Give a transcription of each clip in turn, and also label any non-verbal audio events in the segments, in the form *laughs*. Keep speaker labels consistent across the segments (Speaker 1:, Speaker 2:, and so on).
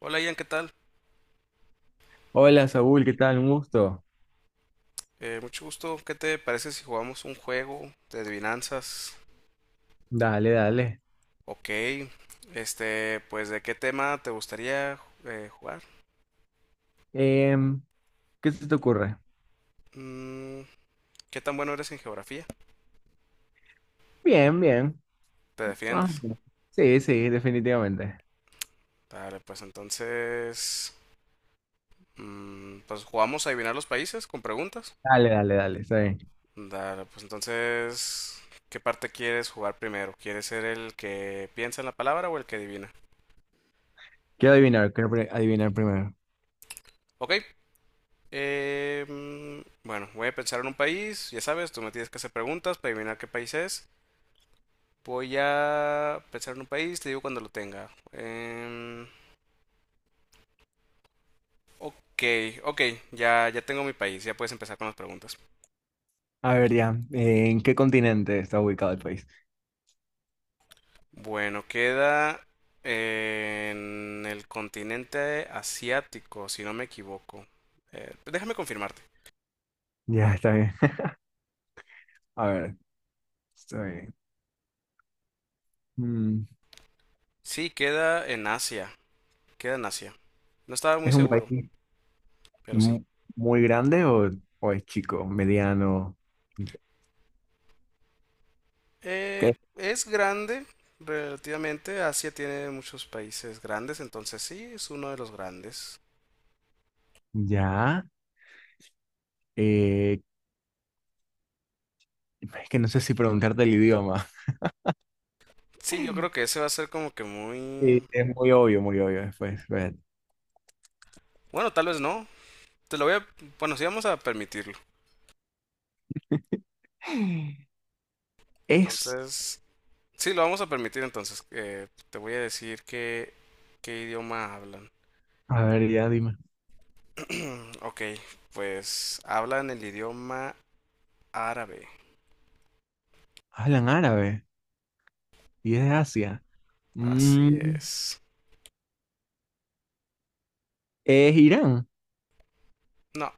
Speaker 1: Hola Ian, ¿qué tal?
Speaker 2: Hola Saúl, ¿qué tal? Un gusto.
Speaker 1: Mucho gusto. ¿Qué te parece si jugamos un juego de adivinanzas?
Speaker 2: Dale, dale.
Speaker 1: Ok. Pues ¿de qué tema te gustaría jugar?
Speaker 2: Em, ¿Qué se te ocurre?
Speaker 1: Mm, ¿Qué tan bueno eres en geografía?
Speaker 2: Bien, bien.
Speaker 1: ¿Te
Speaker 2: Ah,
Speaker 1: defiendes?
Speaker 2: sí, sí, definitivamente.
Speaker 1: Vale, pues entonces... pues jugamos a adivinar los países con preguntas.
Speaker 2: Dale, dale, dale, está bien.
Speaker 1: Dale, pues entonces... ¿Qué parte quieres jugar primero? ¿Quieres ser el que piensa en la palabra o el que adivina?
Speaker 2: Quiero adivinar, quiero pri- Adivinar primero.
Speaker 1: Ok. Eh, mm, bueno, voy a pensar en un país, ya sabes, tú me tienes que hacer preguntas para adivinar qué país es. Voy a pensar en un país, te digo cuando lo tenga. Ok, ok, ya, ya tengo mi país, ya puedes empezar con las preguntas.
Speaker 2: A ver, ya, ¿en qué continente está ubicado el país?
Speaker 1: Bueno, queda en el continente asiático, si no me equivoco. Déjame confirmarte.
Speaker 2: Ya, está bien. *laughs* A ver, está bien. Mm,
Speaker 1: Sí, queda en Asia, queda en Asia. No estaba muy
Speaker 2: ¿Es un
Speaker 1: seguro,
Speaker 2: país
Speaker 1: pero sí.
Speaker 2: mu- muy grande o es chico, mediano? ¿Qué?
Speaker 1: Es grande relativamente. Asia tiene muchos países grandes, entonces sí, es uno de los grandes.
Speaker 2: Ya, eh, es que no sé si preguntarte el idioma.
Speaker 1: Sí, yo creo
Speaker 2: *laughs*
Speaker 1: que ese va a ser como que muy...
Speaker 2: Sí, es muy obvio después. Ver.
Speaker 1: Bueno, tal vez no. Te lo voy a... Bueno, sí vamos a permitirlo.
Speaker 2: Es,
Speaker 1: Entonces... Sí, lo vamos a permitir entonces. Te voy a decir que... ¿Qué idioma hablan?
Speaker 2: a ver, ya dime.
Speaker 1: *clears throat* Ok, pues hablan el idioma árabe.
Speaker 2: Hablan árabe y es de Asia.
Speaker 1: Así
Speaker 2: Mm,
Speaker 1: es.
Speaker 2: ¿Es Irán?
Speaker 1: No,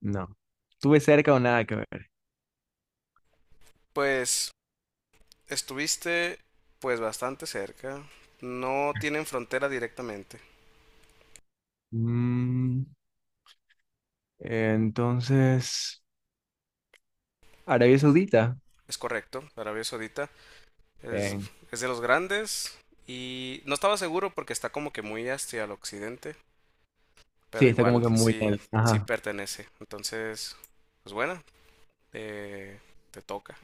Speaker 2: No. Tuve cerca o nada que ver.
Speaker 1: pues estuviste bastante cerca. No tienen frontera directamente.
Speaker 2: Mm, entonces, Arabia Saudita.
Speaker 1: Es correcto, Arabia Saudita es,
Speaker 2: Bien.
Speaker 1: es de los grandes y no estaba seguro porque está como que muy hacia el occidente,
Speaker 2: Sí,
Speaker 1: pero
Speaker 2: está como
Speaker 1: igual
Speaker 2: que muy
Speaker 1: sí,
Speaker 2: bien.
Speaker 1: sí
Speaker 2: Ajá.
Speaker 1: pertenece. Entonces, pues bueno, eh, te toca.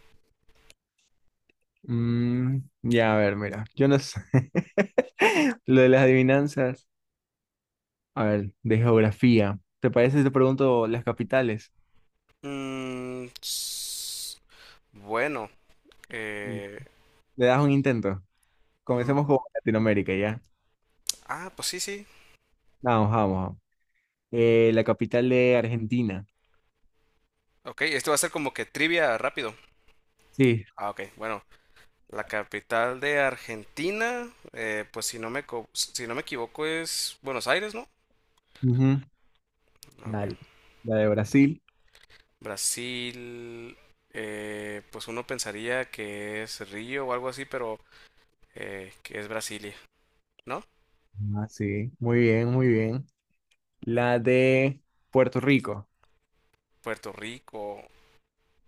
Speaker 2: Ya, a ver, mira. Yo no sé. *laughs* Lo de las adivinanzas. A ver, de geografía. ¿Te parece si te pregunto las capitales?
Speaker 1: Mm, s- bueno,
Speaker 2: Mm.
Speaker 1: eh,
Speaker 2: ¿Le das un intento? Comencemos
Speaker 1: mm,
Speaker 2: con Latinoamérica, ¿ya?
Speaker 1: ah, pues sí, sí.
Speaker 2: Vamos, vamos. Vamos. La capital de Argentina.
Speaker 1: Ok, esto va a ser como que trivia rápido.
Speaker 2: Sí.
Speaker 1: Ah, ok, bueno. La capital de Argentina, pues si no me equivoco es Buenos Aires, ¿no?
Speaker 2: Ujú.
Speaker 1: Ah, ok.
Speaker 2: Dale. La de Brasil.
Speaker 1: Brasil, pues uno pensaría que es Río o algo así, pero que es Brasilia, ¿no?
Speaker 2: Ah, sí. Muy bien, muy bien. La de Puerto Rico
Speaker 1: Puerto Rico,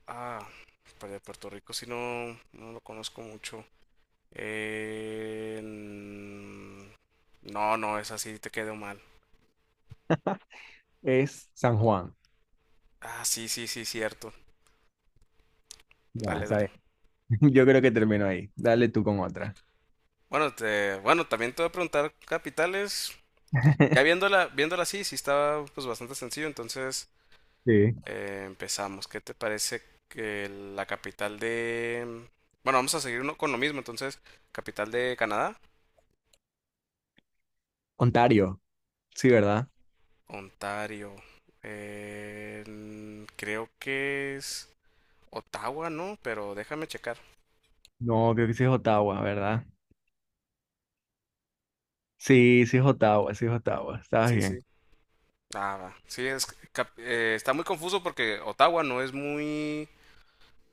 Speaker 1: ah, pues de Puerto Rico si no, no lo conozco mucho. Eh, mm, no, no, es así, te quedó mal.
Speaker 2: es San Juan.
Speaker 1: Ah, sí, sí, sí, cierto.
Speaker 2: Ya,
Speaker 1: Dale, dale.
Speaker 2: sabes. *laughs* Yo creo que termino ahí. Dale tú con otra.
Speaker 1: Bueno, bueno, también te voy a preguntar capitales. Ya
Speaker 2: *laughs*
Speaker 1: viéndola, viéndola así, sí estaba pues bastante sencillo, entonces
Speaker 2: Sí.
Speaker 1: empezamos. ¿Qué te parece que la capital de... Bueno, vamos a seguir con lo mismo, entonces, capital de Canadá,
Speaker 2: Ontario. Sí, ¿verdad?
Speaker 1: Ontario. Creo que es Ottawa, ¿no? Pero déjame checar.
Speaker 2: No, creo que sí es Ottawa, ¿verdad? Sí, sí es Ottawa, sí es Ottawa. Estabas
Speaker 1: Sí, sí.
Speaker 2: bien.
Speaker 1: Ah, va. Está muy confuso porque Ottawa no es muy...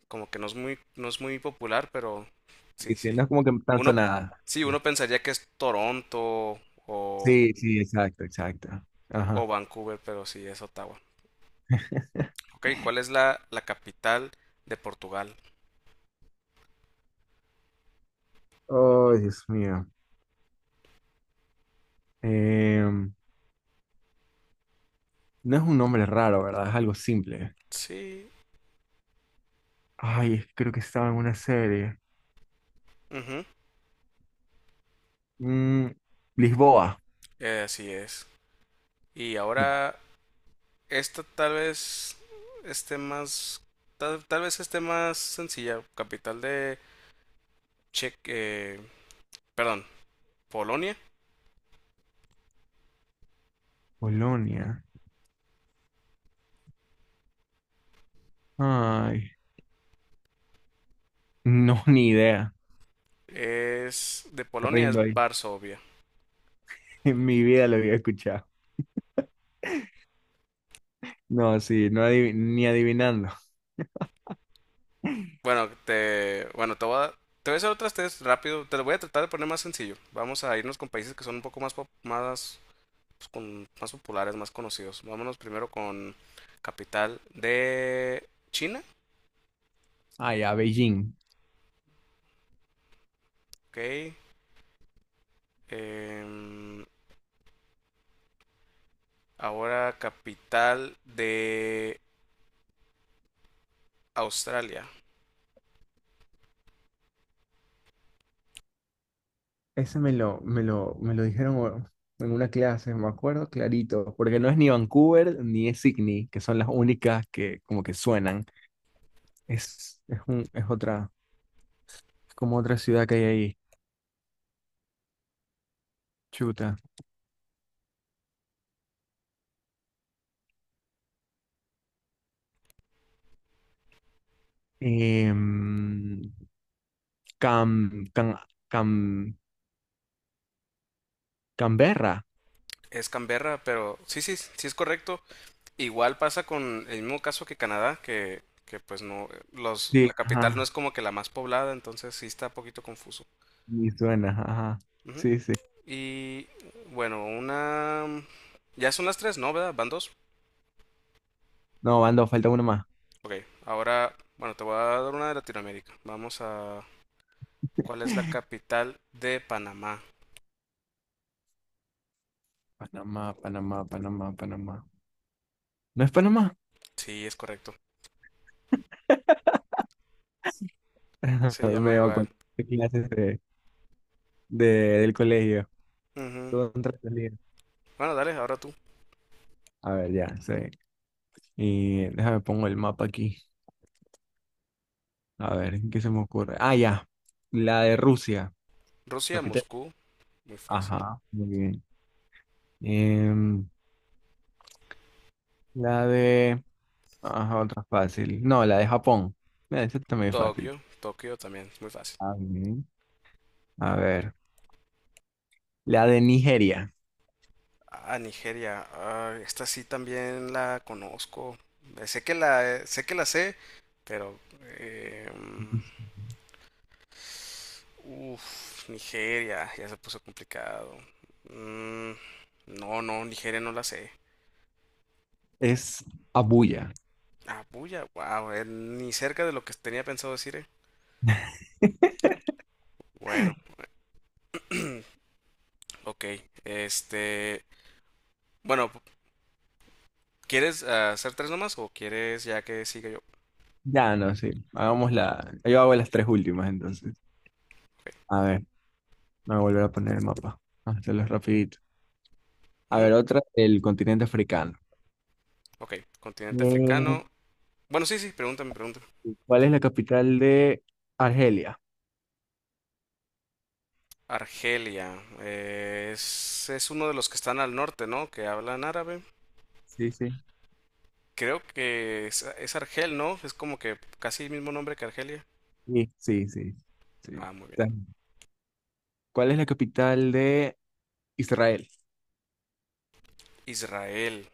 Speaker 1: como que no es muy, no es muy popular, pero
Speaker 2: Y
Speaker 1: sí,
Speaker 2: sí, no
Speaker 1: sí.
Speaker 2: es como que tan
Speaker 1: Uno,
Speaker 2: sonada.
Speaker 1: sí, uno pensaría que es Toronto o,
Speaker 2: Sí, sí, exacto, exacto.
Speaker 1: o
Speaker 2: Ajá.
Speaker 1: Vancouver, pero sí, es Ottawa. Ok, ¿cuál es la capital de Portugal?
Speaker 2: Oh, Dios mío. Em, no es un nombre raro, ¿verdad? Es algo simple.
Speaker 1: Sí,
Speaker 2: Ay, es que creo que estaba en una serie.
Speaker 1: ujú,
Speaker 2: Mm, Lisboa.
Speaker 1: así es. Y
Speaker 2: No.
Speaker 1: ahora, esta tal vez esté más, tal vez esté más sencilla. Capital de Che, eh, perdón, Polonia.
Speaker 2: Polonia. Ay, no, *laughs* ni idea.
Speaker 1: Es, de
Speaker 2: Me
Speaker 1: Polonia es
Speaker 2: Rindo ahí. *laughs*
Speaker 1: Varsovia.
Speaker 2: En mi vida lo había escuchado. No, sí, ni adivinando.
Speaker 1: Bueno, bueno, te voy a hacer otras test rápido. Te lo voy a tratar de poner más sencillo. Vamos a irnos con países que son un poco más, más, pues, con, más populares, más conocidos. Vámonos primero con capital de China.
Speaker 2: Ay, a Beijing.
Speaker 1: Ok. Em, Ahora capital de Australia.
Speaker 2: Ese me lo dijeron en una clase, me acuerdo clarito, porque no es ni Vancouver ni es Sydney, que son las únicas que como que suenan. Es otra. Es como otra ciudad que hay ahí. Chuta. Em, Cam, Cam, Cam- Canberra.
Speaker 1: Es Canberra, pero sí, sí, sí es correcto. Igual pasa con el mismo caso que Canadá, que pues no, los, la
Speaker 2: Sí,
Speaker 1: capital no
Speaker 2: ajá.
Speaker 1: es como que la más poblada, entonces sí está un poquito confuso.
Speaker 2: Sí, suena, ajá.
Speaker 1: Ujú.
Speaker 2: Sí, sí.
Speaker 1: Y bueno, una... Ya son las tres, ¿no? ¿Verdad? ¿Van dos?
Speaker 2: No, van falta uno más.
Speaker 1: Ok, ahora, bueno, te voy a dar una de Latinoamérica. Vamos a... ¿Cuál es la capital de Panamá?
Speaker 2: Panamá, Panamá, Panamá, Panamá. ¿No es Panamá?
Speaker 1: Sí, es correcto.
Speaker 2: *laughs*
Speaker 1: Se llama
Speaker 2: Me
Speaker 1: igual.
Speaker 2: acuerdo de clases de- del colegio.
Speaker 1: Ujú.
Speaker 2: Todo un trascendido.
Speaker 1: Bueno, dale, ahora tú.
Speaker 2: A ver, ya, sí. Y déjame pongo el mapa aquí. A ver, ¿qué se me ocurre? Ah, ya. La de Rusia,
Speaker 1: Rusia,
Speaker 2: capital.
Speaker 1: Moscú, muy fácil.
Speaker 2: Ajá, muy bien. Em, La de... Ajá, otra fácil. No, la de Japón. Mira, esa también es fácil.
Speaker 1: Tokio, Tokio también, muy fácil.
Speaker 2: Ah, bien. A ver. La de Nigeria.
Speaker 1: Ah, Nigeria. Ah, esta sí también la conozco. Sé que la, sé que la sé, pero... em, uf, Nigeria, ya se puso complicado. Mm, no, no, Nigeria no la sé.
Speaker 2: Es Abuya.
Speaker 1: Abuya, wow, ni cerca de lo que tenía pensado decir, eh.
Speaker 2: *laughs*
Speaker 1: Bueno, ok. Este, bueno, ¿quieres hacer tres nomás o quieres ya que siga yo?
Speaker 2: Ya, no, sí. Hagamos la... Yo hago las tres últimas, entonces.
Speaker 1: Ok,
Speaker 2: A ver, me voy a volver a poner el mapa. Vamos a hacerlo rapidito. A
Speaker 1: ujú,
Speaker 2: ver, otra del continente africano.
Speaker 1: ok, continente
Speaker 2: Mm,
Speaker 1: africano. Bueno, sí, sí, pregúntame, pregúntame.
Speaker 2: ¿Cuál es la capital de Argelia?
Speaker 1: Argelia, es uno de los que están al norte, ¿no? Que hablan árabe.
Speaker 2: Sí, sí.
Speaker 1: Creo que es Argel, ¿no? Es como que casi el mismo nombre que Argelia.
Speaker 2: Sí, sí, sí. sí.
Speaker 1: Ah, muy bien.
Speaker 2: Ta- ¿Cuál es la capital de Israel?
Speaker 1: Israel.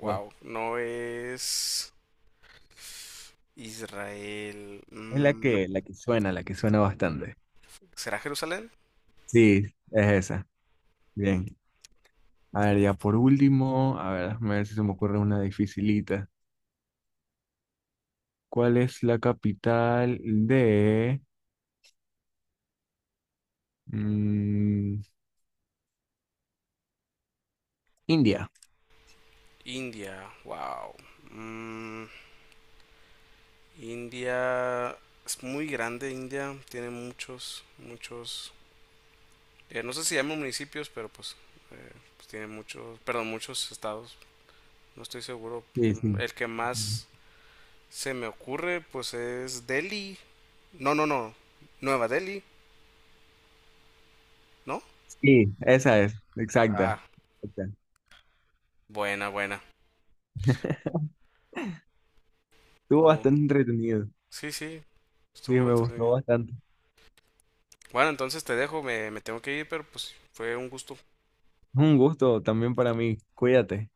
Speaker 1: Wow. No es. Israel.
Speaker 2: Es la que, la que suena, la que suena bastante.
Speaker 1: ¿Será Jerusalén?
Speaker 2: Sí, es esa. Bien. A ver, ya por último, a ver, déjame ver si se me ocurre una dificilita. ¿Cuál es la capital de mm, India?
Speaker 1: India. Wow. Mm, India. Es muy grande India. Tiene muchos, muchos. No sé si llaman municipios, pero pues, pues tiene muchos. Perdón, muchos estados. No estoy seguro.
Speaker 2: Sí,
Speaker 1: Mm,
Speaker 2: sí.
Speaker 1: el que más se me ocurre, pues es Delhi. No, no, no. Nueva Delhi, ¿no?
Speaker 2: Sí, esa es, exacta.
Speaker 1: Ah,
Speaker 2: Exacta.
Speaker 1: buena, buena.
Speaker 2: Estuvo
Speaker 1: Mu-
Speaker 2: bastante entretenido.
Speaker 1: Sí, sí,
Speaker 2: Sí,
Speaker 1: estuvo
Speaker 2: me gustó
Speaker 1: entretenido.
Speaker 2: bastante.
Speaker 1: Bueno, entonces te dejo, me tengo que ir, pero pues fue un gusto.
Speaker 2: Un gusto también para mí. Cuídate.